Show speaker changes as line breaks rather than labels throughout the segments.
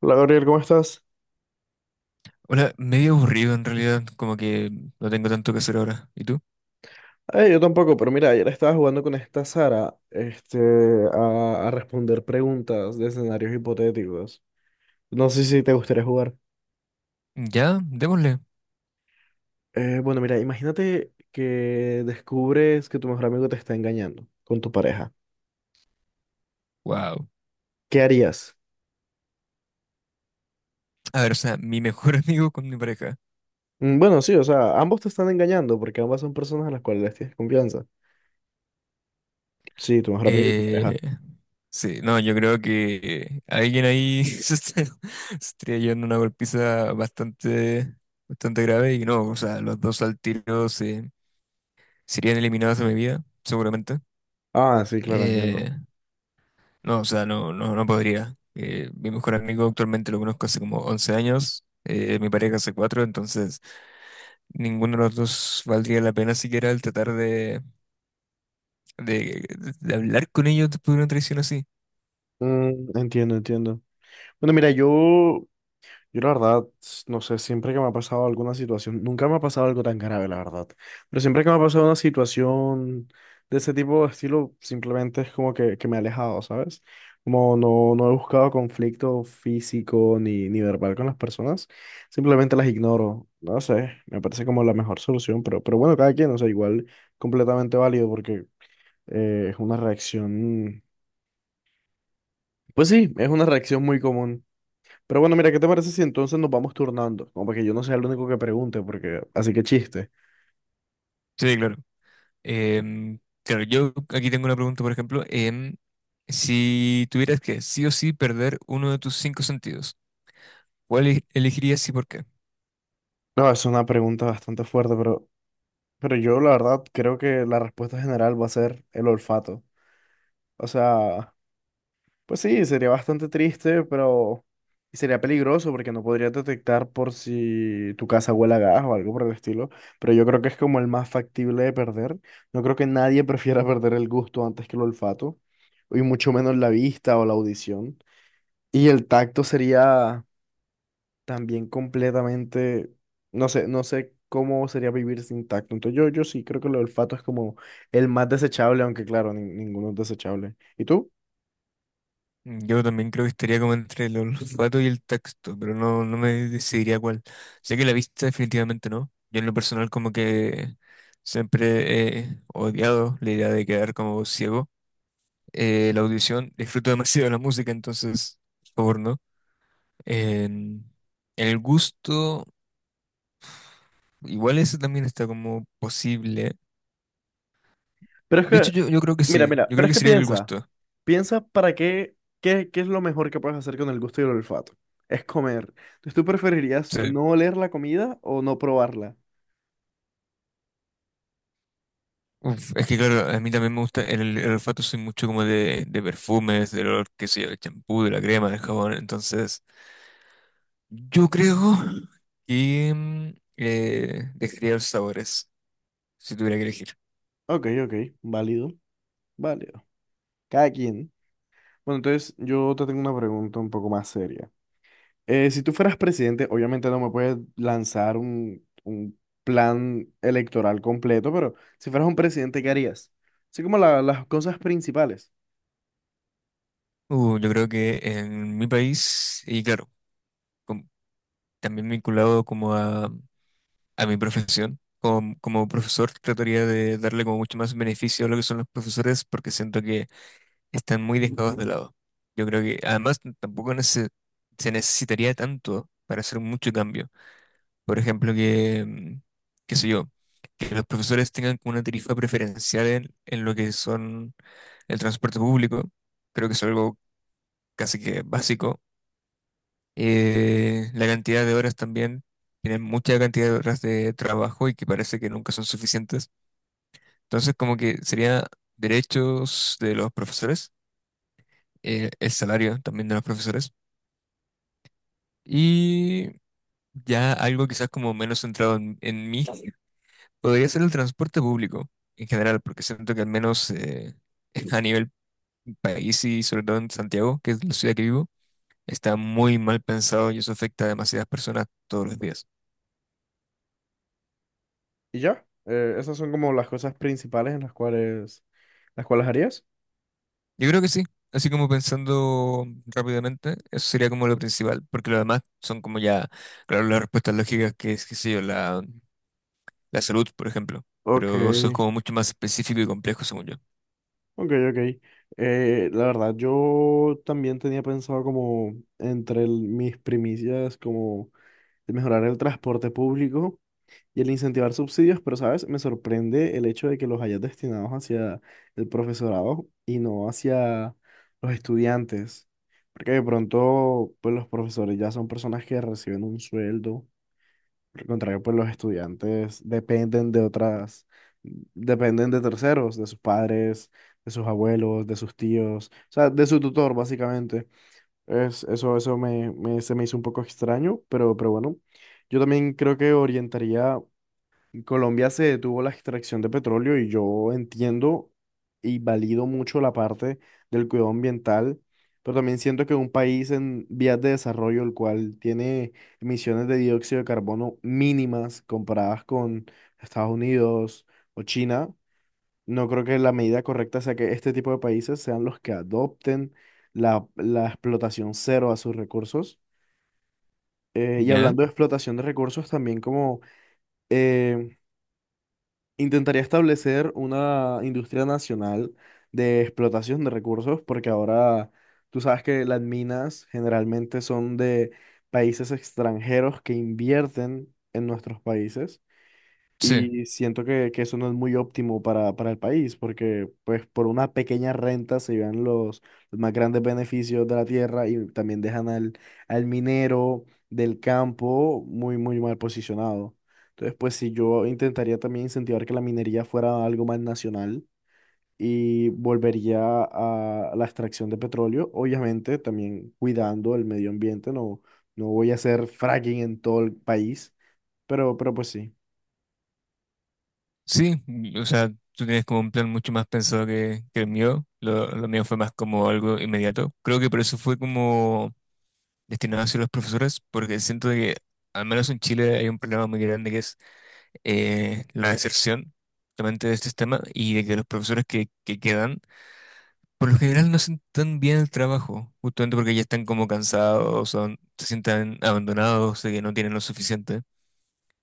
Hola Gabriel, ¿cómo estás?
Hola, medio aburrido en realidad, como que no tengo tanto que hacer ahora. ¿Y tú?
Yo tampoco, pero mira, ayer estaba jugando con esta Sara, a responder preguntas de escenarios hipotéticos. No sé si te gustaría jugar.
Ya, démosle.
Bueno, mira, imagínate que descubres que tu mejor amigo te está engañando con tu pareja.
Wow.
¿Qué harías?
A ver, o sea, mi mejor amigo con mi pareja.
Mm, bueno, sí, o sea, ambos te están engañando porque ambas son personas a las cuales les tienes confianza. Sí, tu mejor amigo y tu pareja.
Eh, sí, no, yo creo que alguien ahí se está llevando una golpiza bastante, bastante grave y no, o sea, los dos al tiro serían eliminados de mi vida, seguramente.
Ah, sí, claro, entiendo.
Eh, no, o sea, no, no, no podría. Mi mejor amigo actualmente lo conozco hace como 11 años, mi pareja hace 4, entonces... Ninguno de los dos valdría la pena siquiera el tratar de- de hablar con ellos después de una traición así.
Mm, entiendo, entiendo. Bueno, mira, yo la verdad, no sé, siempre que me ha pasado alguna situación, nunca me ha pasado algo tan grave, la verdad, pero siempre que me ha pasado una situación de ese tipo de estilo, simplemente es como que me he alejado, ¿sabes? Como no he buscado conflicto físico ni verbal con las personas, simplemente las ignoro, no sé, me parece como la mejor solución, pero bueno, cada quien, o sea, igual completamente válido porque es una reacción, pues sí, es una reacción muy común. Pero bueno, mira, ¿qué te parece si entonces nos vamos turnando? Como para que yo no sea el único que pregunte, porque así que chiste.
Sí, claro. Claro, yo aquí tengo una pregunta, por ejemplo. Si tuvieras que sí o sí perder uno de tus cinco sentidos, ¿cuál elegirías y por qué?
No, es una pregunta bastante fuerte, pero yo la verdad creo que la respuesta general va a ser el olfato. O sea, pues sí, sería bastante triste, pero y sería peligroso porque no podrías detectar por si tu casa huele a gas o algo por el estilo. Pero yo creo que es como el más factible de perder. No creo que nadie prefiera perder el gusto antes que el olfato, y mucho menos la vista o la audición. Y el tacto sería también completamente, no sé, no sé cómo sería vivir sin tacto. Entonces yo sí creo que el olfato es como el más desechable, aunque claro, ninguno es desechable. ¿Y tú?
Yo también creo que estaría como entre el olfato y el tacto, pero no me decidiría cuál. Sé que la vista definitivamente no. Yo en lo personal como que siempre he odiado la idea de quedar como ciego. La audición, disfruto demasiado de la música, entonces, por favor, ¿no? En, en el gusto, igual eso también está como posible.
Pero es
De
que,
hecho, yo creo que
mira,
sí,
mira,
yo
pero
creo
es
que
que
sería el
piensa,
gusto.
piensa para qué, qué es lo mejor que puedes hacer con el gusto y el olfato. Es comer. Entonces tú preferirías
Sí.
no oler la comida o no probarla.
Uf, es que claro, a mí también me gusta, el olfato, soy mucho como de perfumes, del olor, qué sé yo, del champú, de la crema, del jabón, entonces, yo creo que dejaría los sabores, si tuviera que elegir.
Ok, ok, válido, válido. Cada quien. Bueno, entonces yo te tengo una pregunta un poco más seria. Si tú fueras presidente, obviamente no me puedes lanzar un plan electoral completo, pero si fueras un presidente, ¿qué harías? Así como las cosas principales.
Yo creo que en mi país, y claro, com- también vinculado como a mi profesión. Como profesor, trataría de darle como mucho más beneficio a lo que son los profesores, porque siento que están muy dejados de lado. Yo creo que además tampoco se necesitaría tanto para hacer mucho cambio. Por ejemplo, que, qué sé yo, que los profesores tengan como una tarifa preferencial en lo que son el transporte público. Creo que es algo casi que básico. La cantidad de horas también, tienen mucha cantidad de horas de trabajo y que parece que nunca son suficientes. Entonces, como que sería derechos de los profesores, el salario también de los profesores. Y ya algo quizás como menos centrado en mí, podría ser el transporte público en general, porque siento que al menos a nivel país y sobre todo en Santiago, que es la ciudad que vivo, está muy mal pensado y eso afecta a demasiadas personas todos los días.
¿Y ya? Esas son como las cosas principales en las cuales harías.
Yo creo que sí. Así como pensando rápidamente, eso sería como lo principal, porque lo demás son como ya, claro, las respuestas lógicas, que es, qué sé yo, la salud, por ejemplo.
Ok,
Pero eso es como mucho más específico y complejo, según yo.
ok, ok. La verdad, yo también tenía pensado como entre mis primicias, como de mejorar el transporte público y el incentivar subsidios, pero sabes, me sorprende el hecho de que los hayas destinados hacia el profesorado y no hacia los estudiantes, porque de pronto, pues los profesores ya son personas que reciben un sueldo, por el contrario, pues los estudiantes dependen de otras, dependen de terceros, de sus padres, de sus abuelos, de sus tíos, o sea, de su tutor, básicamente. Eso se me hizo un poco extraño, pero bueno, yo también creo que orientaría Colombia, se detuvo la extracción de petróleo y yo entiendo y valido mucho la parte del cuidado ambiental, pero también siento que un país en vías de desarrollo, el cual tiene emisiones de dióxido de carbono mínimas comparadas con Estados Unidos o China, no creo que la medida correcta sea que este tipo de países sean los que adopten la explotación cero a sus recursos. Y
¿Ya?
hablando de explotación de recursos, también como... em, intentaría establecer una industria nacional de explotación de recursos, porque ahora tú sabes que las minas generalmente son de países extranjeros que invierten en nuestros países.
Sí.
Y siento que eso no es muy óptimo para el país, porque pues por una pequeña renta se llevan los más grandes beneficios de la tierra y también dejan al minero del campo muy, muy mal posicionado. Entonces, pues si yo intentaría también incentivar que la minería fuera algo más nacional y volvería a la extracción de petróleo, obviamente también cuidando el medio ambiente, no, no voy a hacer fracking en todo el país, pero pues sí.
Sí, o sea, tú tienes como un plan mucho más pensado que el mío. Lo mío fue más como algo inmediato. Creo que por eso fue como destinado hacia los profesores, porque siento de que al menos en Chile hay un problema muy grande, que es la deserción justamente de este sistema, y de que los profesores que quedan, por lo general no hacen tan bien el trabajo, justamente porque ya están como cansados, se sientan abandonados, de que no tienen lo suficiente.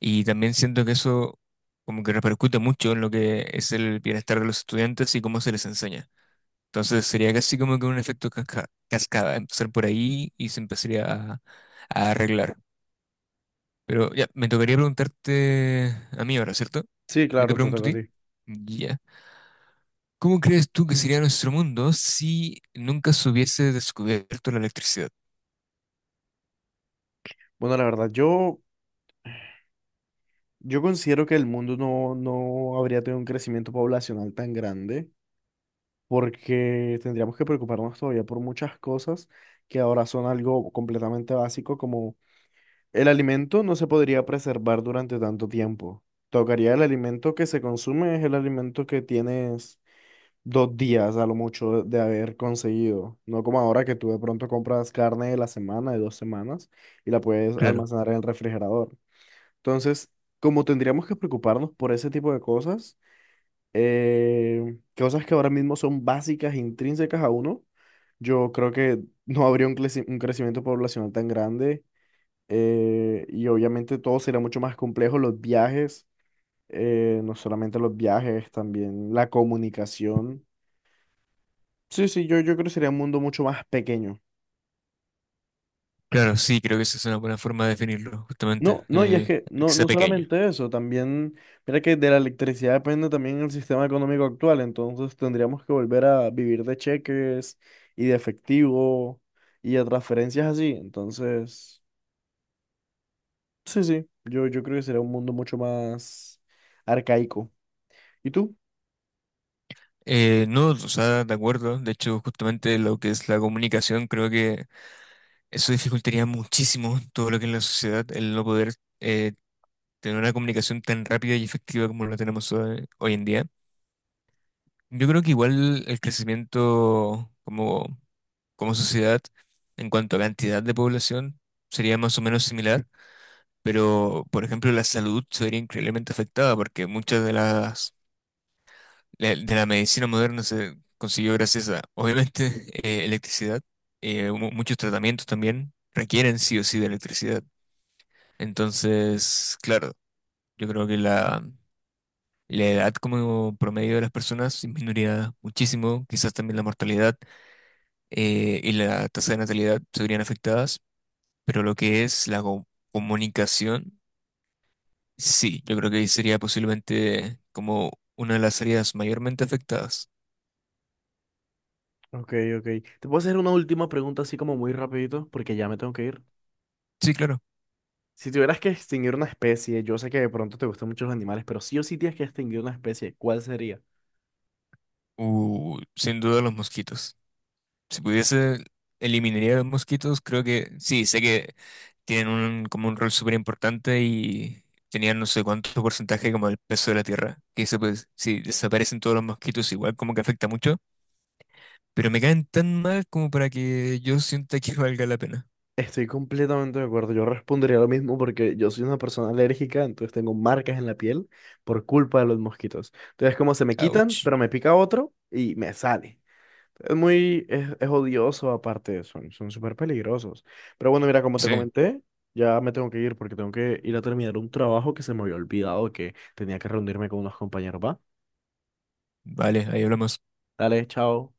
Y también siento que eso como que repercute mucho en lo que es el bienestar de los estudiantes y cómo se les enseña. Entonces sería casi como que un efecto cascada, empezar por ahí y se empezaría a arreglar. Pero ya, me tocaría preguntarte a mí ahora, ¿cierto?
Sí,
Yo te
claro, te
pregunto a
toca a
ti.
ti.
Ya. ¿Cómo crees tú que sería nuestro mundo si nunca se hubiese descubierto la electricidad?
Bueno, la verdad, yo considero que el mundo no habría tenido un crecimiento poblacional tan grande porque tendríamos que preocuparnos todavía por muchas cosas que ahora son algo completamente básico, como el alimento no se podría preservar durante tanto tiempo. Tocaría el alimento que se consume, es el alimento que tienes dos días a lo mucho de haber conseguido, no como ahora que tú de pronto compras carne de la semana, de dos semanas, y la puedes
Claro,
almacenar en el refrigerador. Entonces, como tendríamos que preocuparnos por ese tipo de cosas, cosas que ahora mismo son básicas, intrínsecas a uno, yo creo que no habría un crecimiento poblacional tan grande, y obviamente todo sería mucho más complejo, los viajes, no solamente los viajes, también la comunicación. Sí, sí, yo creo que sería un mundo mucho más pequeño.
claro, sí, creo que esa es una buena forma de definirlo, justamente,
No, no, y es que
que
no,
sea
no
pequeño.
solamente eso, también, mira que de la electricidad depende también el sistema económico actual, entonces tendríamos que volver a vivir de cheques y de efectivo y de transferencias así, entonces, sí, sí, yo creo que sería un mundo mucho más arcaico. ¿Y tú?
No, o sea, de acuerdo, de hecho, justamente lo que es la comunicación, creo que eso dificultaría muchísimo todo lo que es la sociedad, el no poder eh, tener una comunicación tan rápida y efectiva como la tenemos hoy en día. Yo creo que igual el crecimiento como sociedad en cuanto a cantidad de población sería más o menos similar, pero por ejemplo la salud sería increíblemente afectada, porque muchas de de la medicina moderna se consiguió gracias a, obviamente, electricidad. Muchos tratamientos también requieren sí o sí de electricidad. Entonces, claro, yo creo que la edad como promedio de las personas disminuiría muchísimo, quizás también la mortalidad. Y la tasa de natalidad se verían afectadas, pero lo que es la comunicación, sí, yo creo que ahí sería posiblemente como una de las áreas mayormente afectadas.
Ok, ok. Te puedo hacer una última pregunta así como muy rapidito, porque ya me tengo que ir.
Sí, claro.
Si tuvieras que extinguir una especie, yo sé que de pronto te gustan mucho los animales, pero sí o sí tienes que extinguir una especie, ¿cuál sería?
Sin duda, los mosquitos. Si pudiese, eliminaría los mosquitos. Creo que sí, sé que tienen un, como un rol súper importante y tenían no sé cuánto porcentaje como el peso de la tierra, que eso, pues si desaparecen todos los mosquitos, igual como que afecta mucho. Pero me caen tan mal como para que yo sienta que valga la pena.
Estoy completamente de acuerdo. Yo respondería lo mismo porque yo soy una persona alérgica, entonces tengo marcas en la piel por culpa de los mosquitos. Entonces, como se me quitan,
Ouch.
pero me pica otro y me sale. Es muy, es odioso aparte, son, son súper peligrosos. Pero bueno, mira, como te
Sí,
comenté, ya me tengo que ir porque tengo que ir a terminar un trabajo que se me había olvidado que tenía que reunirme con unos compañeros. Va,
vale, ahí hablamos.
dale, chao.